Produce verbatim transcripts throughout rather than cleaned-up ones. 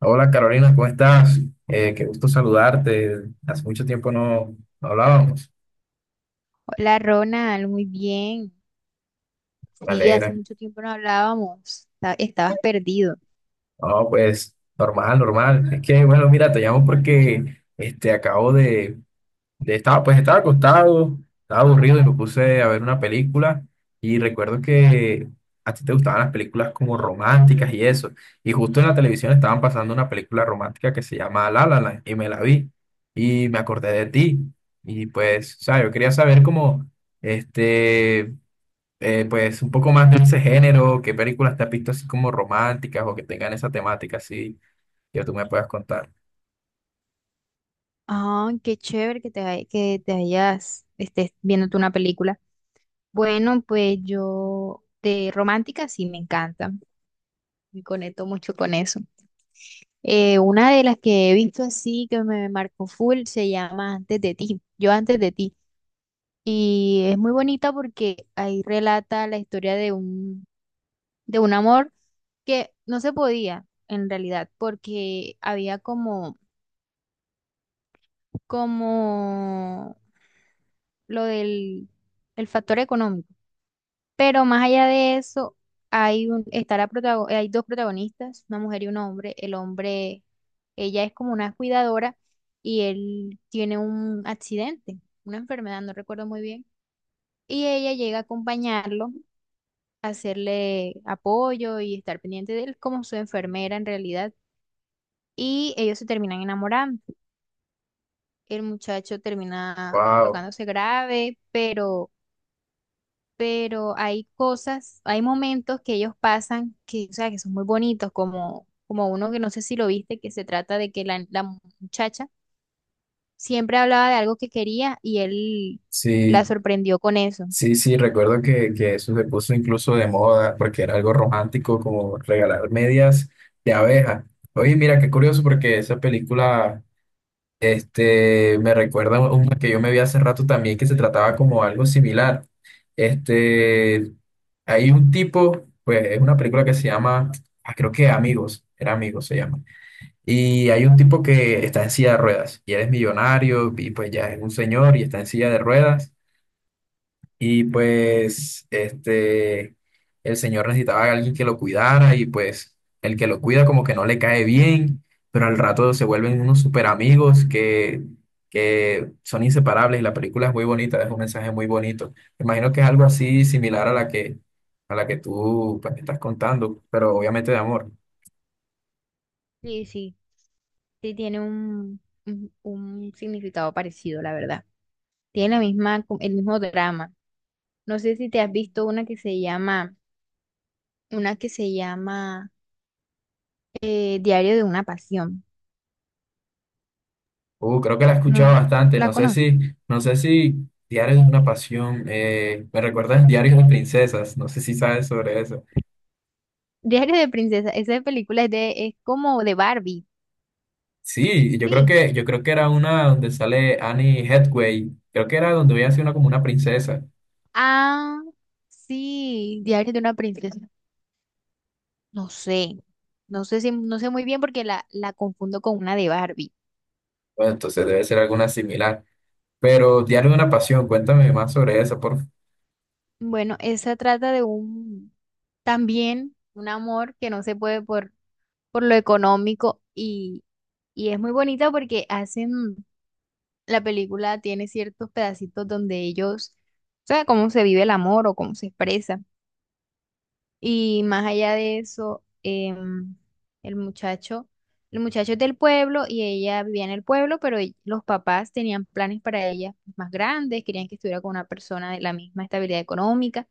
Hola Carolina, ¿cómo estás? Eh, qué gusto saludarte. Hace mucho tiempo no, no hablábamos. Hola Ronald, muy bien. Me Sí, alegra. hace mucho tiempo no hablábamos. Esta- Estabas perdido. No, pues normal, normal. Es que, bueno, mira, te llamo porque este, acabo de, de- estaba, pues estaba acostado, estaba aburrido y me puse a ver una película y recuerdo que a ti te gustaban las películas como románticas y eso. Y justo en la televisión estaban pasando una película romántica que se llama La La Land y me la vi y me acordé de ti. Y pues, o sea, yo quería saber como, este, eh, pues un poco más de ese género, qué películas te has visto así como románticas o que tengan esa temática así que tú me puedas contar. Ah, qué chévere que te, hay- que te hayas, estés viéndote una película. Bueno, pues yo de romántica sí me encanta. Me conecto mucho con eso. Eh, una de las que he visto así que me marcó full se llama Antes de ti. Yo antes de ti. Y es muy bonita porque ahí relata la historia de un de un amor que no se podía en realidad, porque había como, como lo del el factor económico. Pero más allá de eso, hay un, está la protago- hay dos protagonistas, una mujer y un hombre. El hombre, ella es como una cuidadora y él tiene un accidente, una enfermedad, no recuerdo muy bien. Y ella llega a acompañarlo, a hacerle apoyo y estar pendiente de él como su enfermera en realidad. Y ellos se terminan enamorando. El muchacho termina Wow, colocándose grave, pero, pero hay cosas, hay momentos que ellos pasan que, o sea, que son muy bonitos, como, como uno que no sé si lo viste, que se trata de que la, la muchacha siempre hablaba de algo que quería y él la sí. sorprendió con eso. Sí, sí, recuerdo que, que eso se puso incluso de moda porque era algo romántico como regalar medias de abeja. Oye, mira, qué curioso porque esa película este, me recuerda a una que yo me vi hace rato también que se trataba como algo similar. Este, Hay un tipo, pues es una película que se llama, ah, creo que Amigos, era Amigos se llama. Y hay un tipo que está en silla de ruedas y él es millonario y pues ya es un señor y está en silla de ruedas. Y pues este, el señor necesitaba a alguien que lo cuidara y pues el que lo cuida como que no le cae bien, pero al rato se vuelven unos super amigos que, que son inseparables y la película es muy bonita, es un mensaje muy bonito. Me imagino que es algo así similar a la que, a la que tú pues, estás contando, pero obviamente de amor. Sí, sí, sí tiene un, un, un significado parecido, la verdad. Tiene la misma, el mismo drama. No sé si te has visto una que se llama, una que se llama eh, Diario de una pasión. Uh, creo que la he escuchado No, bastante, la no sé conozco. si, no sé si Diarios de una pasión, eh, me recuerdas Diarios de princesas, no sé si sabes sobre eso. Diario de princesa. Esa película es de, es como de Barbie. Sí, yo creo Sí. que, yo creo que era una donde sale Annie Hathaway. Creo que era donde a sido una como una princesa. Ah, sí. Diario de una princesa. No sé. No sé si, no sé muy bien porque la, la confundo con una de Barbie. Bueno, entonces debe ser alguna similar. Pero Diario de una Pasión, cuéntame más sobre esa, por favor. Bueno, esa trata de un, también un amor que no se puede por, por lo económico y, y es muy bonita porque hacen, la película tiene ciertos pedacitos donde ellos, o sea, cómo se vive el amor o cómo se expresa. Y más allá de eso, em, el muchacho, el muchacho es del pueblo y ella vivía en el pueblo, pero ell- los papás tenían planes para ella más grandes, querían que estuviera con una persona de la misma estabilidad económica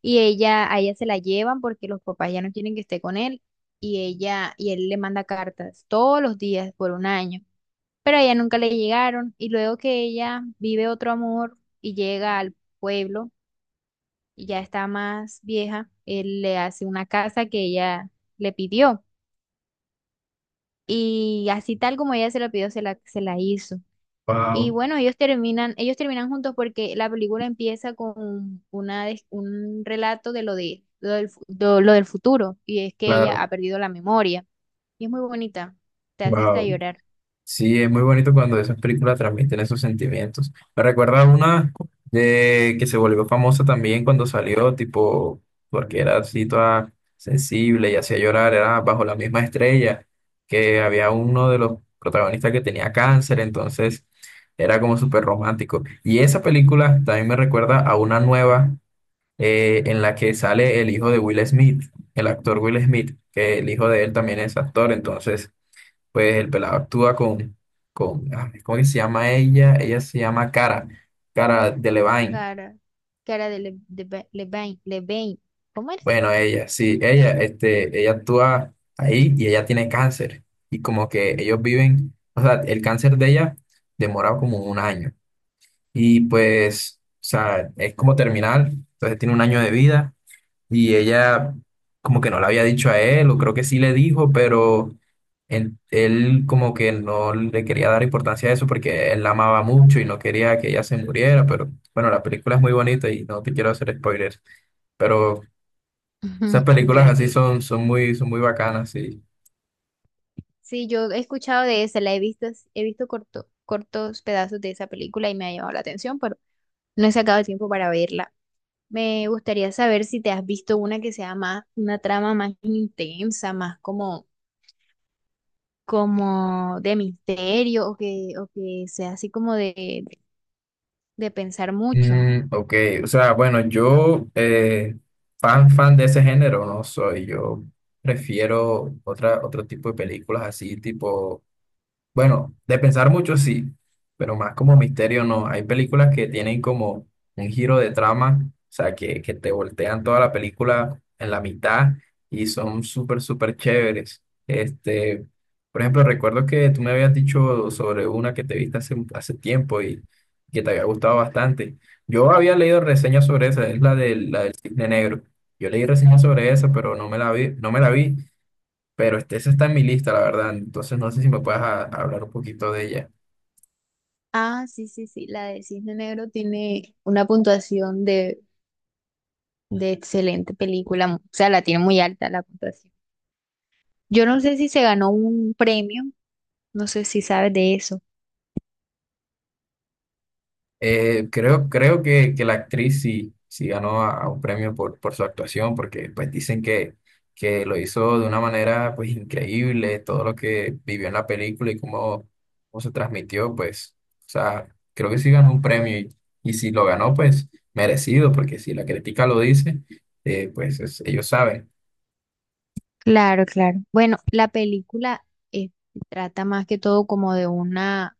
y ella, a ella se la llevan porque los papás ya no quieren que esté con él y ella y él le manda cartas todos los días por un año, pero a ella nunca le llegaron y luego que ella vive otro amor y llega al pueblo y ya está más vieja, él le hace una casa que ella le pidió. Y así tal como ella se la pidió, se la, se la hizo. Y Wow, bueno, ellos terminan, ellos terminan juntos porque la película empieza con una, des- un relato de lo de, lo del, fu- de lo del futuro. Y es que ella claro. ha perdido la memoria. Y es muy bonita. Te hace hasta Wow. llorar. Sí, es muy bonito cuando esas películas transmiten esos sentimientos. Me recuerda una de que se volvió famosa también cuando salió, tipo, porque era así toda sensible y hacía llorar, era Bajo la Misma Estrella, que había uno de los protagonistas que tenía cáncer, entonces era como súper romántico. Y esa película también me recuerda a una nueva eh, en la que sale el hijo de Will Smith, el actor Will Smith, que el hijo de él también es actor, entonces pues el pelado actúa con, con, ah, ¿cómo que se llama ella? Ella se llama Cara, Cara Delevingne. Cara, cara de Le- de Ba- Levain, Levain. ¿Cómo eres? Bueno, ella, sí, ella, este, ella actúa ahí y ella tiene cáncer. Y como que ellos viven, o sea, el cáncer de ella demora como un año. Y pues, o sea, es como terminal, entonces tiene un año de vida. Y ella como que no le había dicho a él, o creo que sí le dijo, pero él, él como que no le quería dar importancia a eso porque él la amaba mucho y no quería que ella se muriera, pero bueno, la película es muy bonita y no te quiero hacer spoilers, pero esas películas así Gracias. son, son muy, son muy bacanas, sí. Sí, yo he escuchado de esa, la he visto, he visto corto- cortos pedazos de esa película y me ha llamado la atención, pero no he sacado tiempo para verla. Me gustaría saber si te has visto una que sea más, una trama más intensa, más como, como de misterio o que, o que sea así como de, de pensar mucho. Mm, ok, o sea, bueno, yo eh, fan, fan de ese género no soy, yo prefiero otra, otro tipo de películas así, tipo. Bueno, de pensar mucho sí, pero más como misterio no. Hay películas que tienen como un giro de trama, o sea, que, que te voltean toda la película en la mitad y son súper, súper chéveres. Este, por ejemplo, recuerdo que tú me habías dicho sobre una que te viste hace, hace tiempo y que te había gustado bastante. Yo había leído reseñas sobre esa, es la del, la del Cisne Negro. Yo leí reseñas sobre esa, pero no me la vi, no me la vi, pero este, esa está en mi lista, la verdad. Entonces no sé si me puedes a- hablar un poquito de ella. Ah, sí, sí, sí, la de Cisne Negro tiene una puntuación de, de excelente película, o sea, la tiene muy alta la puntuación. Yo no sé si se ganó un premio. No sé si sabes de eso. Eh, creo, creo que, que la actriz sí, sí ganó a, a un premio por, por su actuación, porque pues dicen que, que lo hizo de una manera pues increíble, todo lo que vivió en la película y cómo, cómo se transmitió, pues, o sea, creo que sí ganó un premio y, y si lo ganó, pues merecido, porque si la crítica lo dice, eh, pues es- ellos saben, Claro, claro. Bueno, la película eh, trata más que todo como de una,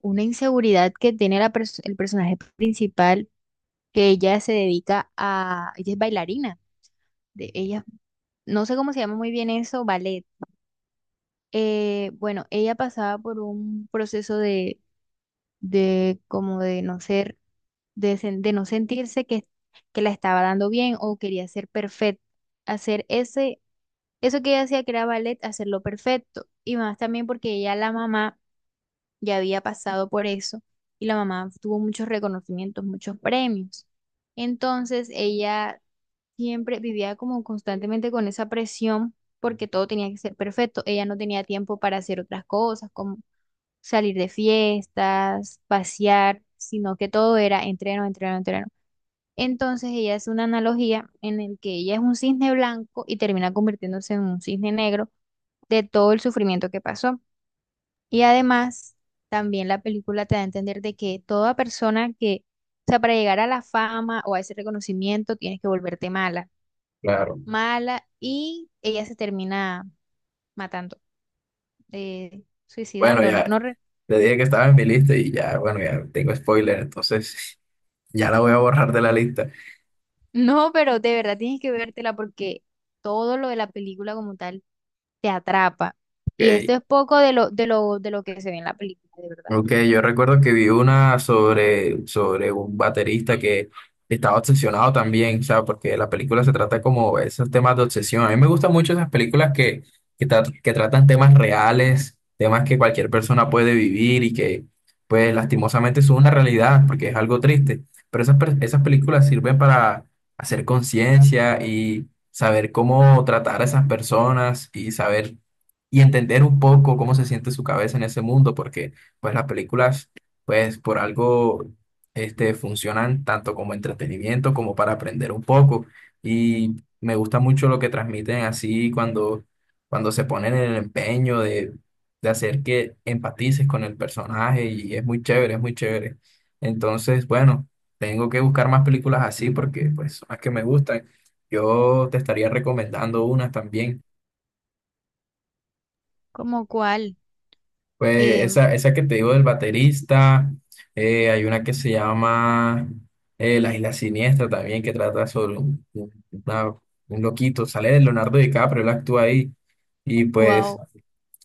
una inseguridad que tiene la pers- el personaje principal, que ella se dedica a, ella es bailarina, de, ella, no sé cómo se llama muy bien eso, ballet. Eh, bueno, ella pasaba por un proceso de, de como de no ser, de, sen- de no sentirse que, que la estaba dando bien o quería ser perfecta, hacer ese eso que ella hacía que era ballet, hacerlo perfecto. Y más también porque ella, la mamá, ya había pasado por eso y la mamá tuvo muchos reconocimientos, muchos premios. Entonces ella siempre vivía como constantemente con esa presión porque todo tenía que ser perfecto. Ella no tenía tiempo para hacer otras cosas como salir de fiestas, pasear, sino que todo era entreno, entreno, entreno. Entonces ella hace una analogía en el que ella es un cisne blanco y termina convirtiéndose en un cisne negro de todo el sufrimiento que pasó. Y además, también la película te da a entender de que toda persona que, o sea, para llegar a la fama o a ese reconocimiento, tienes que volverte mala, claro. mala, y ella se termina matando, eh, Bueno, suicidando, no, no, ya re- le dije que estaba en mi lista y ya, bueno, ya tengo spoiler, entonces ya la voy a borrar de la lista. no, pero de verdad tienes que vértela porque todo lo de la película como tal te atrapa. Y esto Ok, es poco de lo, de lo, de lo que se ve en la película, de verdad. ok, yo recuerdo que vi una sobre, sobre un baterista que estaba obsesionado también, o sea, porque la película se trata como esos temas de obsesión. A mí me gustan mucho esas películas que, que, tra- que tratan temas reales, temas que cualquier persona puede vivir y que, pues, lastimosamente son una realidad, porque es algo triste. Pero esas, per- esas películas sirven para hacer conciencia y saber cómo tratar a esas personas y saber y entender un poco cómo se siente su cabeza en ese mundo, porque pues las películas, pues por algo, este, funcionan tanto como entretenimiento como para aprender un poco. Y me gusta mucho lo que transmiten así cuando, cuando se ponen en el empeño de, de hacer que empatices con el personaje y es muy chévere, es muy chévere. Entonces, bueno, tengo que buscar más películas así porque pues son las que me gustan. Yo te estaría recomendando unas también. Como cual, Pues esa, esa que te digo del baterista, eh, hay una que se llama eh, La Isla Siniestra también, que trata sobre un, un- una- un loquito, sale de Leonardo DiCaprio, él actúa ahí. Y pues, wow.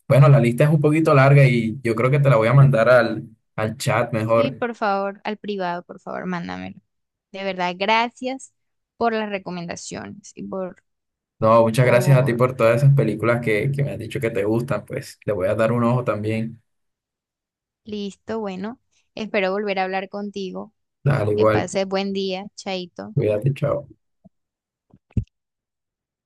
bueno, la lista es un poquito larga y yo creo que te la voy a mandar al, al chat Sí, mejor. por favor, al privado, por favor, mándamelo. De verdad, gracias por las recomendaciones y por, No, muchas gracias a ti por... por todas esas películas que, que me has dicho que te gustan, pues le voy a dar un ojo también. Listo, bueno, espero volver a hablar contigo. Dale, Que igual, pases buen día, Chaito. cuídate, chao.